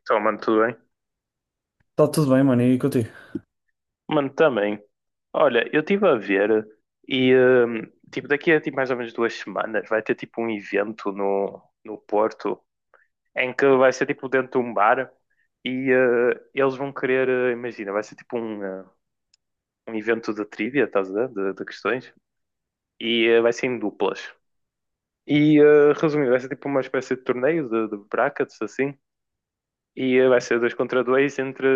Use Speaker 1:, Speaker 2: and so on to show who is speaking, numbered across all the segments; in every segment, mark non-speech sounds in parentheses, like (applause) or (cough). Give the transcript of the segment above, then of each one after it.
Speaker 1: Então, mano, tudo bem?
Speaker 2: Tá tudo bem, mano, e contigo?
Speaker 1: Mano, também. Olha, eu estive a ver e, hum, tipo, daqui a mais ou menos 2 semanas vai ter, tipo, um evento no Porto em que vai ser, tipo, dentro de um bar e eles vão querer, imagina, vai ser, tipo, um evento de trivia, estás a ver? De questões. E vai ser em duplas. Resumindo, vai ser, tipo, uma espécie de torneio de brackets, assim. E vai ser dois contra dois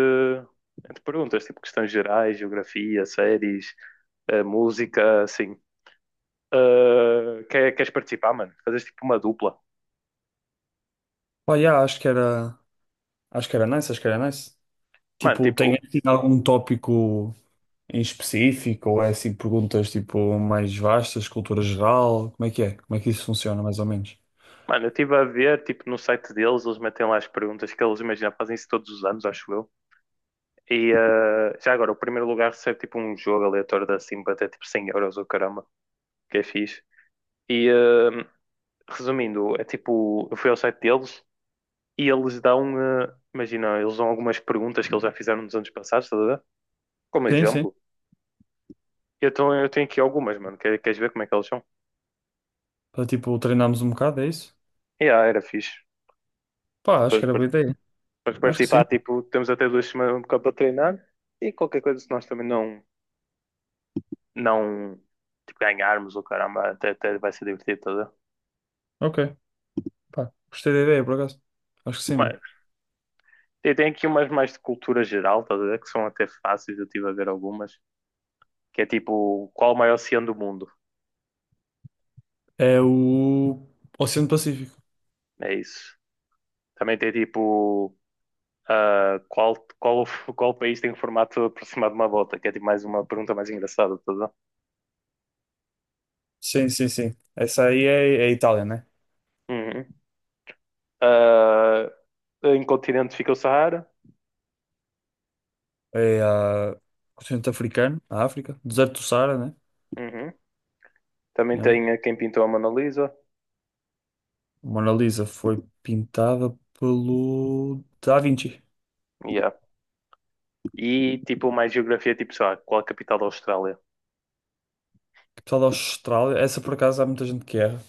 Speaker 1: entre perguntas, tipo, questões gerais, geografia, séries a música, assim. Queres participar, mano? Fazes tipo uma dupla.
Speaker 2: Pá, yeah, acho que era nice, acho que era nice.
Speaker 1: Mano,
Speaker 2: Tipo, tem
Speaker 1: tipo,
Speaker 2: assim algum tópico em específico ou é assim perguntas tipo mais vastas, cultura geral? Como é que é? Como é que isso funciona, mais ou menos?
Speaker 1: mano, eu estive a ver, tipo, no site deles, eles metem lá as perguntas que eles, imagina, fazem isso todos os anos, acho eu. E já agora, o primeiro lugar recebe tipo um jogo aleatório da Simba, até tipo 100 euros, ou caramba, que é fixe. E uh, Resumindo, é tipo, eu fui ao site deles e eles dão, imagina, eles dão algumas perguntas que eles já fizeram nos anos passados, estás a ver? Como
Speaker 2: Sim, sim.
Speaker 1: exemplo. Eu tenho aqui algumas, mano, queres ver como é que elas são?
Speaker 2: Para tipo treinarmos um bocado, é isso?
Speaker 1: E yeah, era fixe.
Speaker 2: Pá, acho
Speaker 1: pessoas
Speaker 2: que era
Speaker 1: par-
Speaker 2: boa ideia.
Speaker 1: Para
Speaker 2: Acho que sim.
Speaker 1: participar, tipo, temos até 2 semanas um para treinar e qualquer coisa, se nós também não tipo, ganharmos o caramba, até, até vai ser divertido, tá a ver?
Speaker 2: Ok. Pá, gostei da ideia, por acaso. Acho que sim, mano.
Speaker 1: Mas e tem aqui umas mais de cultura geral, tá a ver? Que são até fáceis, eu estive a ver algumas, que é tipo, qual o maior oceano do mundo?
Speaker 2: É o Oceano Pacífico.
Speaker 1: É isso. Também tem tipo, ah, qual, qual, qual país tem o formato aproximado de uma bota? Que é tipo mais uma pergunta mais engraçada, tá a ver?
Speaker 2: Sim, sim, sim. Essa aí é a Itália, né?
Speaker 1: Uhum. Ah, em continente fica o Saara.
Speaker 2: É a Oceano Africano, a África, deserto do Saara, né?
Speaker 1: Uhum. Também
Speaker 2: Yeah.
Speaker 1: tem a quem pintou a Mona Lisa.
Speaker 2: A Mona Lisa foi pintada pelo Da Vinci,
Speaker 1: Yeah. E tipo, mais geografia, tipo, sei lá, qual a capital da Austrália?
Speaker 2: que pessoal da Austrália. Essa por acaso há muita gente que erra. O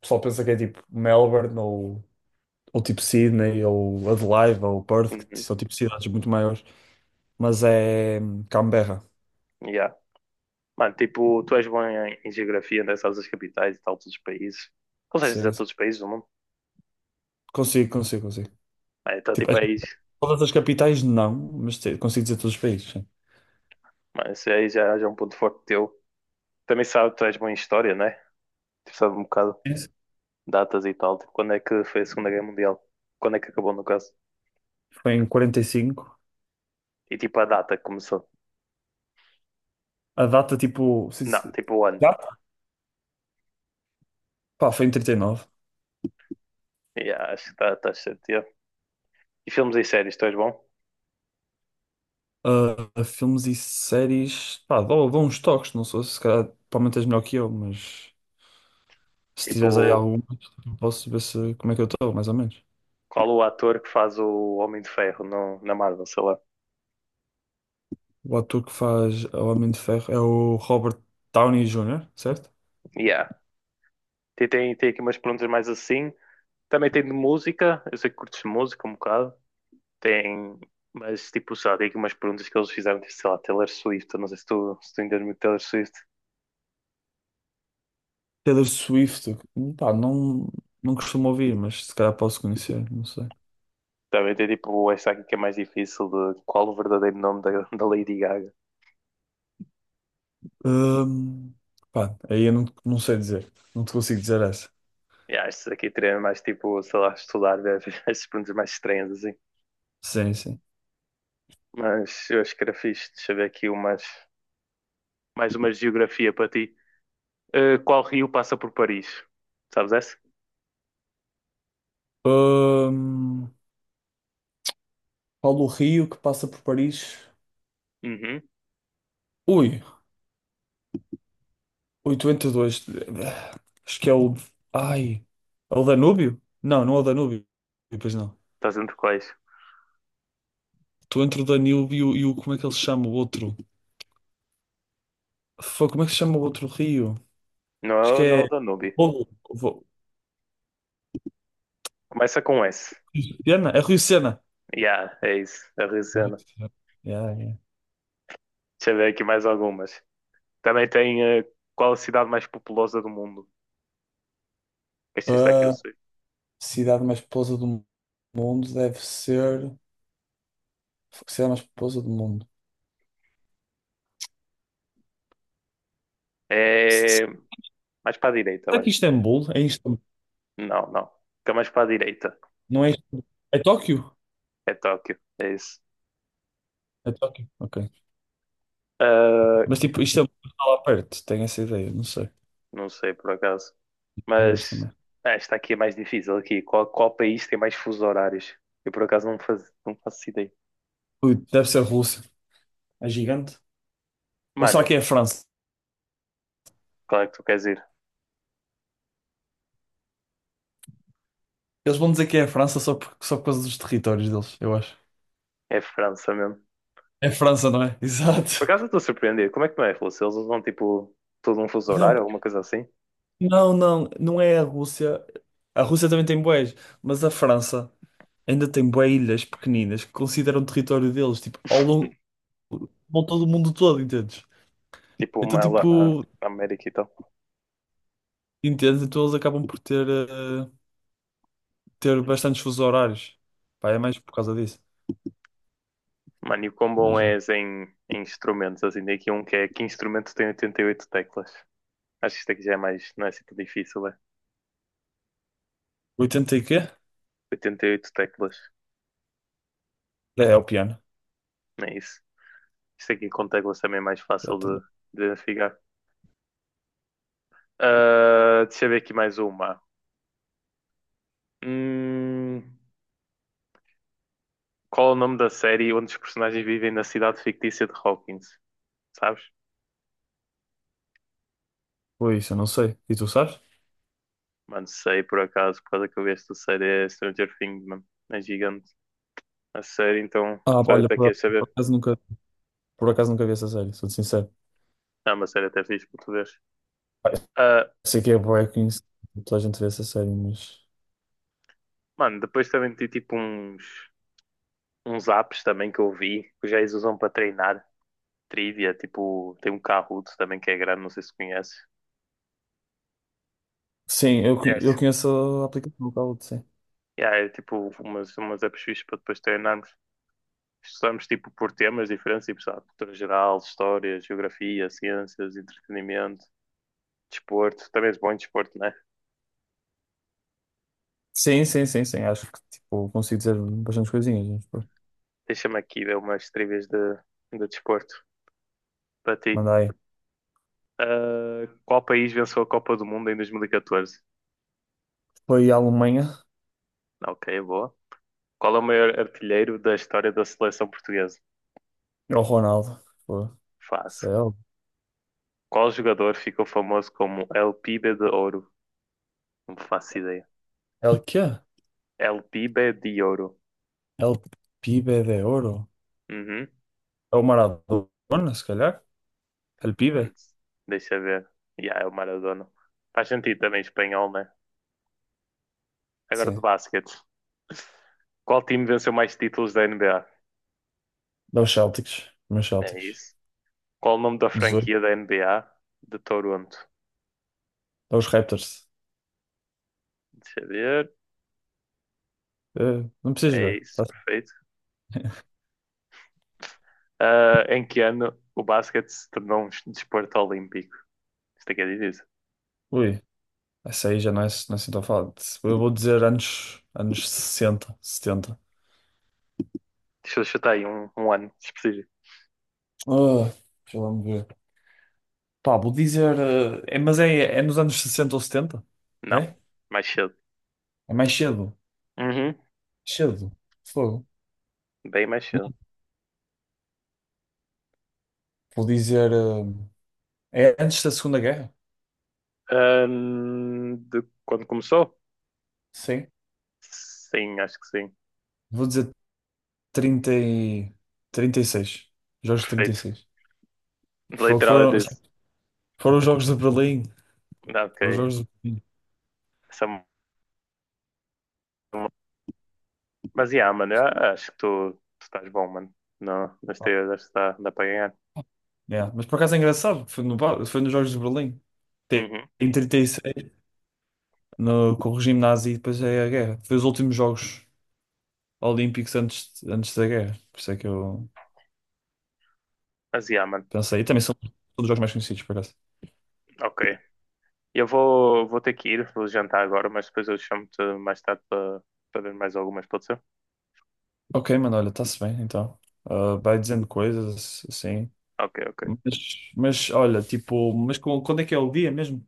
Speaker 2: pessoal pensa que é tipo Melbourne ou tipo Sydney ou Adelaide ou Perth, que
Speaker 1: Uhum.
Speaker 2: são tipo cidades muito maiores. Mas é Canberra.
Speaker 1: Yeah. Mano, tipo, tu és bom em, em geografia, né? Sabes as capitais e tal, todos os países. Consegues dizer
Speaker 2: Sim, sim.
Speaker 1: todos os países do mundo?
Speaker 2: Consigo, consigo, consigo.
Speaker 1: Ah, então,
Speaker 2: Tipo,
Speaker 1: tipo,
Speaker 2: acho que
Speaker 1: aí,
Speaker 2: todas as capitais não, mas consigo dizer todos os países. Sim.
Speaker 1: mano, isso aí já é um ponto forte teu. Também sabe, tu és bom em história, né? Tu sabes um bocado
Speaker 2: Isso.
Speaker 1: datas e tal. Tipo, quando é que foi a Segunda Guerra Mundial? Quando é que acabou, no caso?
Speaker 2: Foi em 45.
Speaker 1: E tipo, a data que começou?
Speaker 2: A data tipo.
Speaker 1: Não, tipo, o ano.
Speaker 2: Data? Pá, foi em 39.
Speaker 1: Yeah, acho que estás tá certo. Yeah. E filmes e séries, tu és bom?
Speaker 2: Ah, filmes e séries, pá, dou uns toques, não sei se calhar provavelmente és melhor que eu, mas se tiveres aí
Speaker 1: Tipo,
Speaker 2: algum, posso ver se, como é que eu estou, mais ou menos.
Speaker 1: qual o ator que faz o Homem de Ferro na Marvel, sei lá.
Speaker 2: O ator que faz o Homem de Ferro é o Robert Downey Jr., certo?
Speaker 1: Yeah. Tem aqui umas perguntas mais assim. Também tem de música. Eu sei que curtes música um bocado. Tem. Mas tipo, só tem aqui umas perguntas que eles fizeram, tipo, sei lá, Taylor Swift. Eu não sei se tu entendes muito Taylor Swift.
Speaker 2: Taylor Swift, pá, não, não costumo ouvir, mas se calhar posso conhecer, não sei.
Speaker 1: Também tem tipo esta aqui que é mais difícil de qual o verdadeiro nome da Lady Gaga.
Speaker 2: Ahm, pá, aí eu não, não sei dizer, não te consigo dizer essa.
Speaker 1: Yeah, estes aqui teria mais tipo, sei lá, estudar ver (laughs) essas perguntas mais estranhas assim.
Speaker 2: Sim, sim.
Speaker 1: Mas eu acho que era fixe. Deixa eu ver aqui umas, mais uma geografia para ti. Qual rio passa por Paris? Sabes essa?
Speaker 2: Ahm, Paulo Rio que passa por Paris.
Speaker 1: Uhum.
Speaker 2: Ui, 882, acho que é o. Ai. É o Danúbio? Não, não é o Danúbio. Pois não.
Speaker 1: Estás entre quais?
Speaker 2: Estou entre o Danúbio e o. Como é que ele se chama? O outro. Foi, como é que se chama o outro rio?
Speaker 1: Não
Speaker 2: Acho
Speaker 1: é,
Speaker 2: que
Speaker 1: não é
Speaker 2: é.
Speaker 1: o Danúbio.
Speaker 2: Vo- Vo-
Speaker 1: Começa com S.
Speaker 2: Rio Sena? É Rio Sena.
Speaker 1: Yeah, é isso. A rio.
Speaker 2: É Rio Sena. Yeah, yeah.
Speaker 1: Deixa eu ver aqui mais algumas. Também tem qual a cidade mais populosa do mundo? Este
Speaker 2: A
Speaker 1: está aqui, eu sei.
Speaker 2: cidade mais populosa do mundo deve ser. A cidade mais populosa do mundo. S- s-
Speaker 1: É mais para a direita,
Speaker 2: Será
Speaker 1: vai.
Speaker 2: que Istambul? É Istambul?
Speaker 1: Não, não. Fica mais para a direita.
Speaker 2: Não é Istambul. É Tóquio?
Speaker 1: É Tóquio. É isso.
Speaker 2: É Tóquio. Ok.
Speaker 1: Ah,
Speaker 2: Mas tipo, isto é lá perto, tenho essa ideia, não sei.
Speaker 1: não sei por acaso.
Speaker 2: Não vejo
Speaker 1: Mas
Speaker 2: também.
Speaker 1: ah, esta aqui é mais difícil aqui. Qual país tem mais fusos horários? Eu por acaso não não faço ideia.
Speaker 2: Ui, deve ser a Rússia, é gigante. Ou será
Speaker 1: Mano,
Speaker 2: que é a França?
Speaker 1: qual é que tu queres ir?
Speaker 2: Eles vão dizer que é a França só por causa dos territórios deles, eu acho.
Speaker 1: É França mesmo.
Speaker 2: É França, não é? (laughs)
Speaker 1: Por
Speaker 2: Exato.
Speaker 1: acaso eu estou surpreendido. Como é que não é, Filipe? Se eles usam tipo todo um fuso
Speaker 2: Não,
Speaker 1: horário, alguma coisa assim?
Speaker 2: não, não, não é a Rússia. A Rússia também tem bués, mas a França ainda tem bué ilhas pequeninas que consideram território deles, tipo, ao longo, ao todo o mundo todo, entendes?
Speaker 1: Tipo
Speaker 2: Então,
Speaker 1: uma lá
Speaker 2: tipo,
Speaker 1: na América e tal.
Speaker 2: entendes? Então eles acabam por ter
Speaker 1: Hum.
Speaker 2: bastantes fusos horários. Pá, é mais por causa disso.
Speaker 1: Mano, e o quão bom
Speaker 2: Imagina.
Speaker 1: és em, em instrumentos? Assim, tem aqui um que é que instrumento tem 88 teclas. Acho que isto aqui já é mais, não é assim tão difícil, é?
Speaker 2: Oitenta e quê?
Speaker 1: 88 teclas,
Speaker 2: É o piano.
Speaker 1: não é isso? Isto aqui com teclas também é mais fácil
Speaker 2: Exatamente.
Speaker 1: de identificar. Ah, deixa eu ver aqui mais uma. Hum, qual é o nome da série onde os personagens vivem na cidade fictícia de Hawkins? Sabes?
Speaker 2: Foi isso, eu não sei. E tu sabes?
Speaker 1: Mano, sei por acaso, por causa que eu vi esta série, é Stranger Things, mano. É gigante. A série, então,
Speaker 2: Ah,
Speaker 1: só
Speaker 2: olha,
Speaker 1: até queres
Speaker 2: por
Speaker 1: saber.
Speaker 2: acaso nunca, por acaso nunca vi essa série, sou-te sincero.
Speaker 1: É uma série até fixe para tu veres.
Speaker 2: Ah,
Speaker 1: Ah,
Speaker 2: sei que é bué conhecido, toda a gente vê essa série, mas.
Speaker 1: mano, depois também tem tipo uns, uns apps também que eu vi, que os gays usam para treinar. Trivia, tipo, tem um Kahoot também que é grande, não sei se conhece.
Speaker 2: Sim,
Speaker 1: É,
Speaker 2: eu conheço a aplicação, o Kahoot, sim.
Speaker 1: yeah, é tipo umas, umas apps fixas para depois treinarmos. Estudamos tipo por temas diferentes, tipo, sabe, cultura geral, história, geografia, ciências, entretenimento, desporto. Também és bom em desporto, né?
Speaker 2: Sim, sim, sim, sim. Acho que tipo, consigo dizer bastantes coisinhas. Mas, pô,
Speaker 1: Deixa-me aqui ver umas trivias de desporto para ti.
Speaker 2: manda aí.
Speaker 1: Ah, qual país venceu a Copa do Mundo em 2014?
Speaker 2: Foi a Alemanha
Speaker 1: Ok, boa. Qual é o maior artilheiro da história da seleção portuguesa?
Speaker 2: ao Ronaldo. Pô,
Speaker 1: Fácil.
Speaker 2: céu.
Speaker 1: Qual jogador ficou famoso como El Pibe de Ouro? Não faço ideia.
Speaker 2: É o quê?
Speaker 1: El Pibe de Ouro.
Speaker 2: É o Pibe de Ouro.
Speaker 1: Uhum.
Speaker 2: É o Maradona, se calhar. É o Pibe.
Speaker 1: Antes, deixa ver. Yeah, é o Maradona. Faz sentido também espanhol, né? Agora de
Speaker 2: Sim.
Speaker 1: basquete. Qual time venceu mais títulos da NBA?
Speaker 2: Dá os Celtics. Meus
Speaker 1: É
Speaker 2: Celtics.
Speaker 1: isso. Qual o nome da
Speaker 2: 18.
Speaker 1: franquia da NBA de Toronto?
Speaker 2: Dá os Raptors.
Speaker 1: Deixa eu ver.
Speaker 2: Não precisas
Speaker 1: É
Speaker 2: ver.
Speaker 1: isso,
Speaker 2: Tá?
Speaker 1: perfeito. Ah, em que ano o basquete se tornou um desporto olímpico? Isto aqui é difícil.
Speaker 2: Ui, essa aí já não é, não é assim tão fácil. Eu vou dizer anos 60, 70.
Speaker 1: Deixa eu chutar aí um ano específico.
Speaker 2: Ah, deixa lá me ver. Pá, vou dizer. Mas é nos anos 60 ou 70.
Speaker 1: Não,
Speaker 2: É?
Speaker 1: mais cedo.
Speaker 2: É mais cedo.
Speaker 1: Uhum,
Speaker 2: Cedo. Fogo.
Speaker 1: bem mais cedo.
Speaker 2: Vou dizer. É antes da Segunda Guerra?
Speaker 1: De quando começou?
Speaker 2: Sim.
Speaker 1: Sim, acho que sim.
Speaker 2: Vou dizer 30 e... 36. Jogos de
Speaker 1: Perfeito.
Speaker 2: 36. Fo-
Speaker 1: Literal é
Speaker 2: Foram,
Speaker 1: disso.
Speaker 2: foram os Jogos de Berlim.
Speaker 1: Ah, ok.
Speaker 2: Foram os Jogos de Berlim.
Speaker 1: Essa é uma. Mas, yeah, mano, eu acho que tu estás bom, mano. Não, nas
Speaker 2: Pá,
Speaker 1: teorias acho que dá para ganhar.
Speaker 2: yeah. Mas por acaso é engraçado. Foi, no, ba- foi nos Jogos de Berlim. Tem-
Speaker 1: Uhum.
Speaker 2: Em 36, no, com o regime nazi, e depois é a guerra. Foi os últimos Jogos Olímpicos antes da guerra. Por isso é que eu.
Speaker 1: Mas, yeah, mano.
Speaker 2: Pensa aí, também são todos jogos mais conhecidos, por acaso.
Speaker 1: Ok. Eu vou ter que ir, vou jantar agora, mas depois eu chamo-te mais tarde para para ver mais algumas, pode ser?
Speaker 2: Ok, mano, olha, está-se bem, então. Ah, vai dizendo coisas, assim.
Speaker 1: Ok, ok.
Speaker 2: Mas olha, tipo, quando é que é o dia mesmo?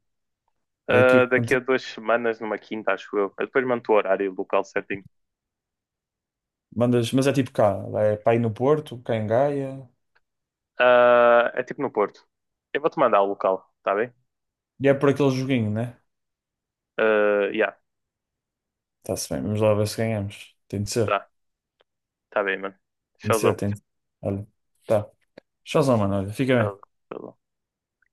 Speaker 2: É aqui,
Speaker 1: Ah,
Speaker 2: que
Speaker 1: daqui a
Speaker 2: acontece?
Speaker 1: 2 semanas, numa quinta, acho eu. Eu depois mando o horário e o local certinho.
Speaker 2: Mandas, mas é tipo cá, é para ir no Porto, cá em Gaia,
Speaker 1: Ah, é tipo no Porto. Eu vou-te mandar o local, tá bem?
Speaker 2: e é por aquele joguinho, né?
Speaker 1: Ah, yeah,
Speaker 2: Está-se bem, vamos lá ver se ganhamos. Tem de ser,
Speaker 1: tá, tá bem, mano.
Speaker 2: tem de ser,
Speaker 1: Tchauzão,
Speaker 2: tem de ser. Olha, tá. Tchauzão, mano, olha, fica
Speaker 1: tchauzão,
Speaker 2: bem.
Speaker 1: tchauzão.